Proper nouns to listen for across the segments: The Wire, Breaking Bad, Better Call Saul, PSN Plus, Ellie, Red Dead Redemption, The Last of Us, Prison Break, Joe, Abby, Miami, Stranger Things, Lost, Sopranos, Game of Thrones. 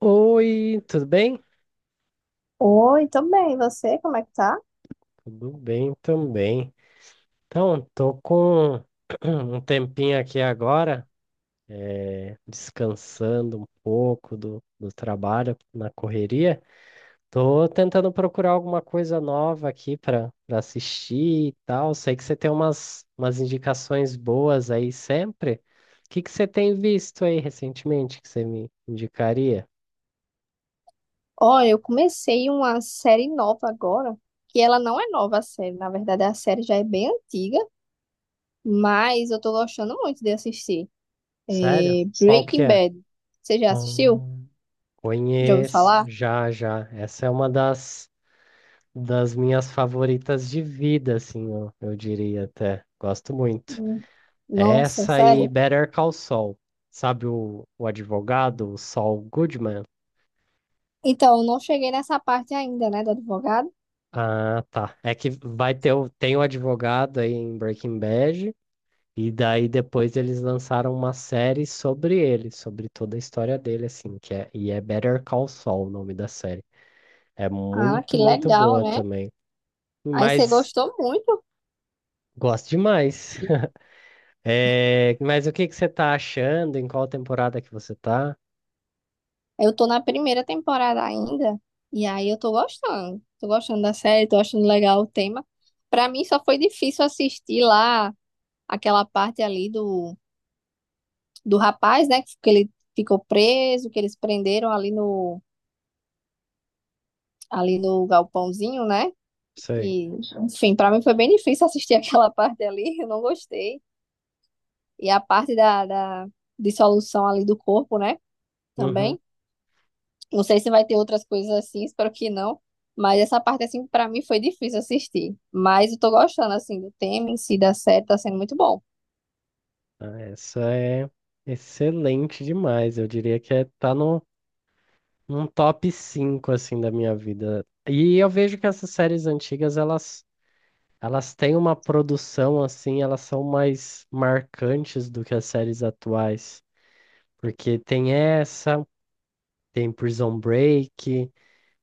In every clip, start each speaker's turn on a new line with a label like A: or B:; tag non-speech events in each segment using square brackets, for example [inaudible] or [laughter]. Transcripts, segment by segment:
A: Oi, tudo bem?
B: Oi, tô bem. E você, como é que tá?
A: Tudo bem também. Então, tô com [clears throat] um tempinho aqui agora, descansando um pouco do trabalho na correria. Tô tentando procurar alguma coisa nova aqui para assistir e tal. Sei que você tem umas indicações boas aí sempre. O que que você tem visto aí recentemente que você me indicaria?
B: Olha, eu comecei uma série nova agora, que ela não é nova a série, na verdade a série já é bem antiga, mas eu tô gostando muito de assistir.
A: Sério?
B: É
A: Qual que
B: Breaking
A: é?
B: Bad. Você já assistiu?
A: Ah,
B: Já ouviu
A: conheço,
B: falar?
A: já. Essa é uma das das minhas favoritas de vida, assim, eu diria até. Gosto muito.
B: Hum.
A: É,
B: Nossa,
A: essa e
B: sério?
A: Better Call Saul. Sabe o advogado, o Saul Goodman?
B: Então, eu não cheguei nessa parte ainda, né, do advogado.
A: Ah, tá. É que vai ter o, tem o advogado aí em Breaking Bad, e daí depois eles lançaram uma série sobre ele, sobre toda a história dele, assim, que é, e é Better Call Saul o nome da série. É
B: Ah, que
A: muito
B: legal,
A: boa
B: né?
A: também.
B: Aí você
A: Mas
B: gostou muito.
A: gosto demais. [laughs] É, mas o que que você tá achando? Em qual temporada que você tá?
B: Eu tô na primeira temporada ainda, e aí eu tô gostando. Tô gostando da série, tô achando legal o tema. Pra mim só foi difícil assistir lá aquela parte ali do rapaz, né? Que ele ficou preso, que eles prenderam ali ali no galpãozinho, né?
A: Sei.
B: E, enfim, pra mim foi bem difícil assistir [laughs] aquela parte ali, eu não gostei. E a parte da dissolução ali do corpo, né?
A: Uhum.
B: Também. Não sei se vai ter outras coisas assim, espero que não. Mas essa parte, assim, pra mim foi difícil assistir. Mas eu tô gostando, assim, do tema em si, da série, tá sendo muito bom.
A: Ah, essa é excelente demais. Eu diria que é, tá no, num top 5 assim, da minha vida. E eu vejo que essas séries antigas, elas têm uma produção, assim, elas são mais marcantes do que as séries atuais. Porque tem essa, tem Prison Break,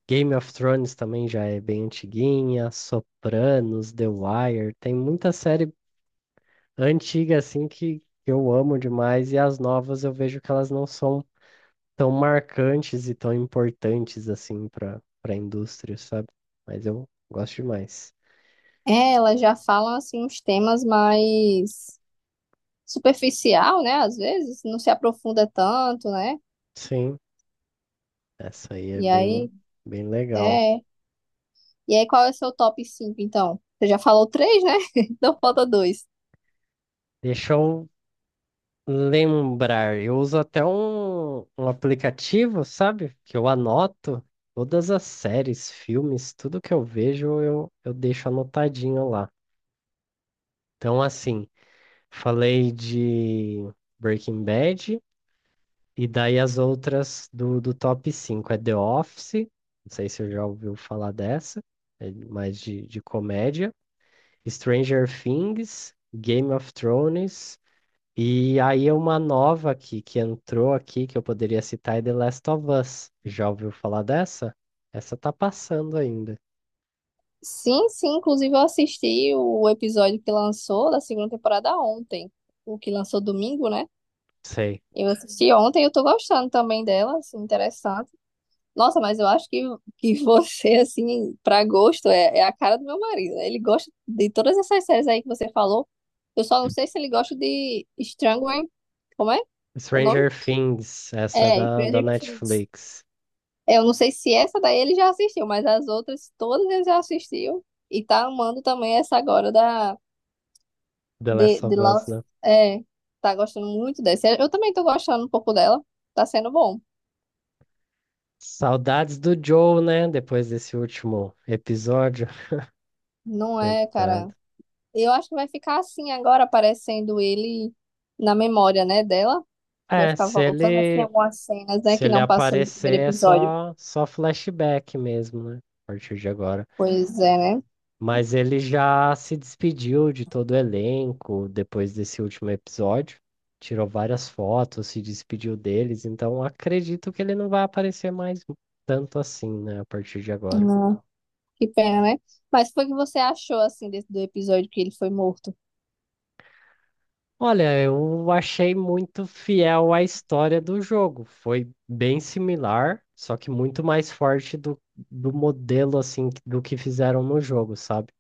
A: Game of Thrones também já é bem antiguinha, Sopranos, The Wire, tem muita série antiga assim que eu amo demais e as novas eu vejo que elas não são tão marcantes e tão importantes assim para a indústria, sabe? Mas eu gosto demais.
B: É, elas já falam, assim, uns temas mais superficial, né? Às vezes, não se aprofunda tanto, né?
A: Sim, essa aí é
B: E
A: bem
B: aí,
A: bem legal.
B: é. E aí, qual é o seu top 5 então? Você já falou três, né? [laughs] Então falta dois.
A: Deixa eu lembrar, eu uso até um aplicativo, sabe? Que eu anoto todas as séries, filmes, tudo que eu vejo, eu deixo anotadinho lá. Então, assim, falei de Breaking Bad, e daí as outras do top 5 é The Office, não sei se eu já ouviu falar dessa, é mais de comédia, Stranger Things, Game of Thrones. E aí uma nova aqui que entrou aqui que eu poderia citar é The Last of Us. Já ouviu falar dessa? Essa tá passando ainda.
B: Sim, sim, inclusive eu assisti o episódio que lançou da segunda temporada ontem. O que lançou domingo, né?
A: Sei.
B: Eu assisti ontem, eu tô gostando também dela, assim, interessante. Nossa, mas eu acho que [laughs] você, assim, pra gosto, é a cara do meu marido, né? Ele gosta de todas essas séries aí que você falou. Eu só não sei se ele gosta de Strangler. Como é o nome?
A: Stranger Things, essa é
B: É,
A: da, da
B: Stranger Things.
A: Netflix.
B: Eu não sei se essa daí ele já assistiu, mas as outras todas ele já assistiu. E tá amando também essa agora da
A: The
B: de,
A: Last
B: de
A: of Us,
B: Lost.
A: né?
B: É, tá gostando muito dessa. Eu também tô gostando um pouco dela. Tá sendo bom.
A: Saudades do Joe, né? Depois desse último episódio. [laughs]
B: Não é, cara.
A: Coitado.
B: Eu acho que vai ficar assim agora, aparecendo ele na memória, né, dela. Vai
A: É,
B: ficar voltando assim algumas cenas, né,
A: se
B: que
A: ele
B: não passou no primeiro
A: aparecer é
B: episódio.
A: só flashback mesmo, né? A partir de agora.
B: Pois é, né?
A: Mas ele já se despediu de todo o elenco depois desse último episódio. Tirou várias fotos, se despediu deles, então acredito que ele não vai aparecer mais tanto assim, né, a partir de agora.
B: Ah, que pena, né? Mas foi o que você achou, assim, desse, do episódio que ele foi morto?
A: Olha, eu achei muito fiel à história do jogo. Foi bem similar, só que muito mais forte do, do modelo, assim, do que fizeram no jogo, sabe?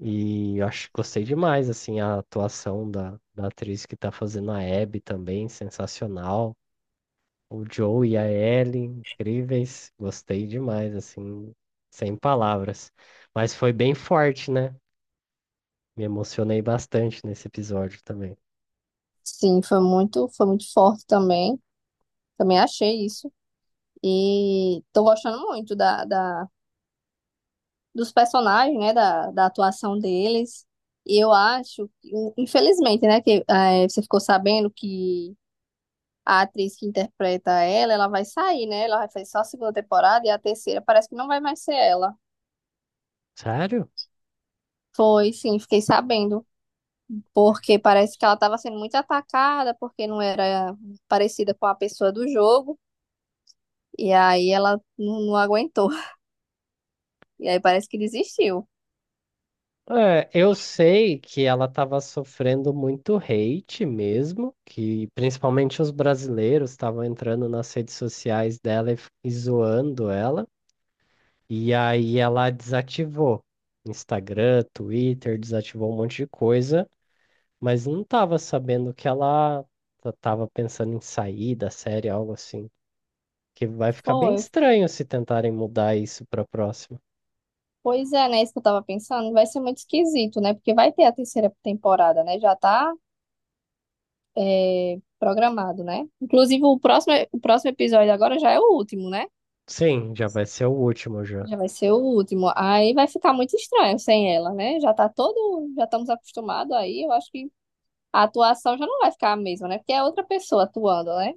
A: E eu acho, gostei demais, assim, a atuação da, da atriz que tá fazendo a Abby também, sensacional. O Joe e a Ellie incríveis. Gostei demais, assim, sem palavras. Mas foi bem forte, né? Me emocionei bastante nesse episódio também.
B: Sim, foi muito forte também. Também achei isso. E tô gostando muito dos personagens, né, da atuação deles. E eu acho que, infelizmente, né, que você ficou sabendo que a atriz que interpreta ela, ela vai sair, né? Ela vai fazer só a segunda temporada e a terceira parece que não vai mais ser ela.
A: Sério?
B: Foi, sim, fiquei sabendo. Porque parece que ela estava sendo muito atacada, porque não era parecida com a pessoa do jogo. E aí ela não aguentou. E aí parece que desistiu.
A: É, eu sei que ela estava sofrendo muito hate mesmo, que principalmente os brasileiros estavam entrando nas redes sociais dela e zoando ela. E aí ela desativou Instagram, Twitter, desativou um monte de coisa, mas não tava sabendo que ela tava pensando em sair da série, algo assim. Que vai ficar bem
B: Foi.
A: estranho se tentarem mudar isso pra próxima.
B: Pois é, né? Isso que eu tava pensando. Vai ser muito esquisito, né? Porque vai ter a terceira temporada, né? Já tá, é, programado, né? Inclusive, o próximo episódio agora já é o último, né?
A: Sim, já vai ser o último já.
B: Já vai ser o último. Aí vai ficar muito estranho sem ela, né? Já tá todo, já estamos acostumados aí. Eu acho que a atuação já não vai ficar a mesma, né? Porque é outra pessoa atuando, né?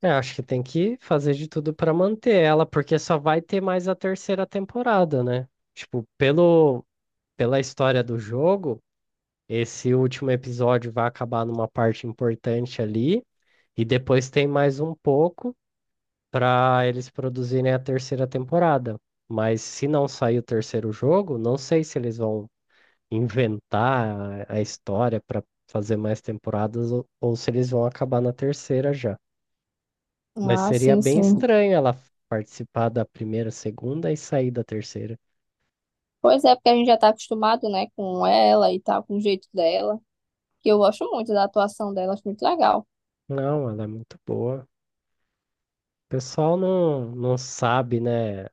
A: É, acho que tem que fazer de tudo pra manter ela, porque só vai ter mais a terceira temporada, né? Tipo, pelo, pela história do jogo, esse último episódio vai acabar numa parte importante ali. E depois tem mais um pouco para eles produzirem a terceira temporada. Mas se não sair o terceiro jogo, não sei se eles vão inventar a história para fazer mais temporadas ou se eles vão acabar na terceira já. Mas
B: Ah,
A: seria
B: sim,
A: bem
B: sim.
A: estranho ela participar da primeira, segunda e sair da terceira.
B: Pois é, porque a gente já tá acostumado, né, com ela e tal, com o jeito dela. Que eu gosto muito da atuação dela, acho muito legal.
A: Não, ela é muito boa. O pessoal não, não sabe, né,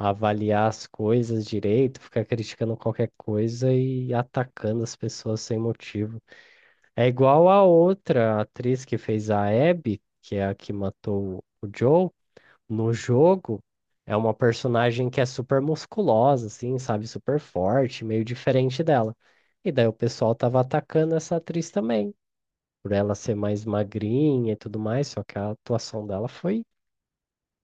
A: avaliar as coisas direito, ficar criticando qualquer coisa e atacando as pessoas sem motivo. É igual a outra atriz que fez a Abby, que é a que matou o Joe, no jogo. É uma personagem que é super musculosa, assim, sabe? Super forte, meio diferente dela. E daí o pessoal tava atacando essa atriz também, por ela ser mais magrinha e tudo mais, só que a atuação dela foi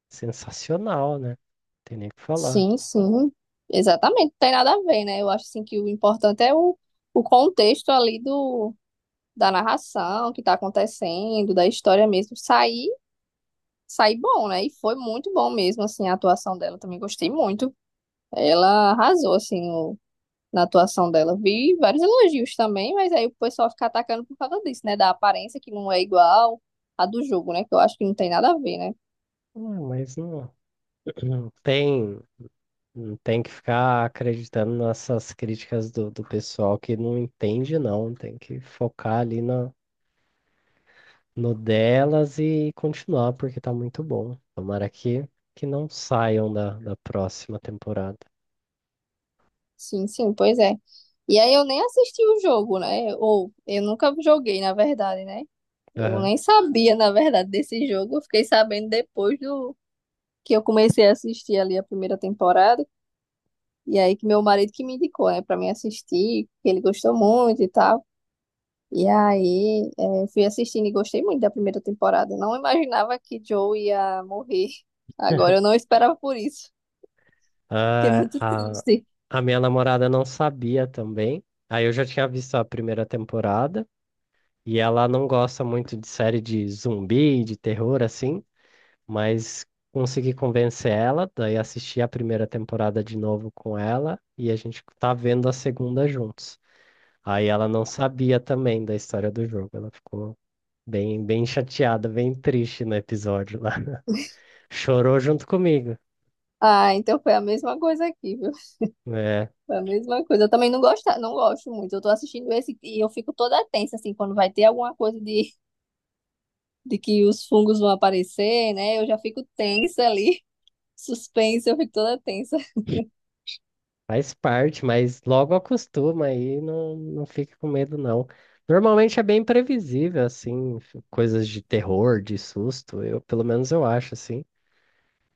A: sensacional, né? Tem nem o que falar.
B: Sim, sim. Exatamente, não tem nada a ver, né? Eu acho assim que o importante é o contexto ali do da narração, o que tá acontecendo, da história mesmo, sair bom, né? E foi muito bom mesmo, assim, a atuação dela. Também gostei muito. Ela arrasou, assim, na atuação dela. Vi vários elogios também, mas aí o pessoal fica atacando por causa disso, né? Da aparência que não é igual à do jogo, né? Que eu acho que não tem nada a ver, né?
A: Ah, mas não, não tem, não tem que ficar acreditando nessas críticas do, do pessoal que não entende, não. Tem que focar ali na, no delas e continuar, porque tá muito bom. Tomara que não saiam da, da próxima temporada.
B: Sim, sim, pois é. E aí eu nem assisti o jogo, né? Ou eu nunca joguei, na verdade, né? Eu
A: Aham.
B: nem sabia, na verdade, desse jogo. Eu fiquei sabendo depois do que eu comecei a assistir ali a primeira temporada. E aí que meu marido que me indicou, né, pra mim assistir, que ele gostou muito e tal. E aí, é, fui assistindo e gostei muito da primeira temporada. Não imaginava que Joe ia morrer agora. Eu não esperava por isso. Fiquei
A: Ah,
B: muito
A: a,
B: triste.
A: a minha namorada não sabia também. Aí eu já tinha visto a primeira temporada. E ela não gosta muito de série de zumbi, de terror, assim. Mas consegui convencer ela, daí assisti a primeira temporada de novo com ela e a gente tá vendo a segunda juntos. Aí ela não sabia também da história do jogo, ela ficou bem chateada, bem triste no episódio lá. [laughs] Chorou junto comigo.
B: Ah, então foi a mesma coisa aqui, viu?
A: É,
B: Foi a mesma coisa. Eu também não gosto, não gosto muito. Eu tô assistindo esse e eu fico toda tensa, assim, quando vai ter alguma coisa de que os fungos vão aparecer, né? Eu já fico tensa ali. [laughs] Suspense, eu fico toda tensa.
A: faz parte, mas logo acostuma aí, não, não fique com medo não. Normalmente é bem previsível, assim, coisas de terror, de susto, eu, pelo menos eu acho, assim.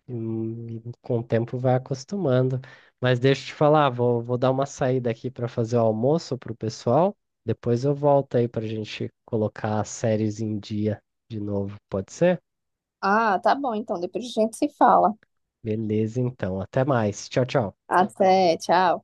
A: E com o tempo vai acostumando. Mas deixa eu te falar, vou dar uma saída aqui para fazer o almoço para o pessoal. Depois eu volto aí para a gente colocar as séries em dia de novo, pode ser?
B: Ah, tá bom, então depois a gente se fala.
A: Beleza, então. Até mais. Tchau, tchau.
B: Até, tchau.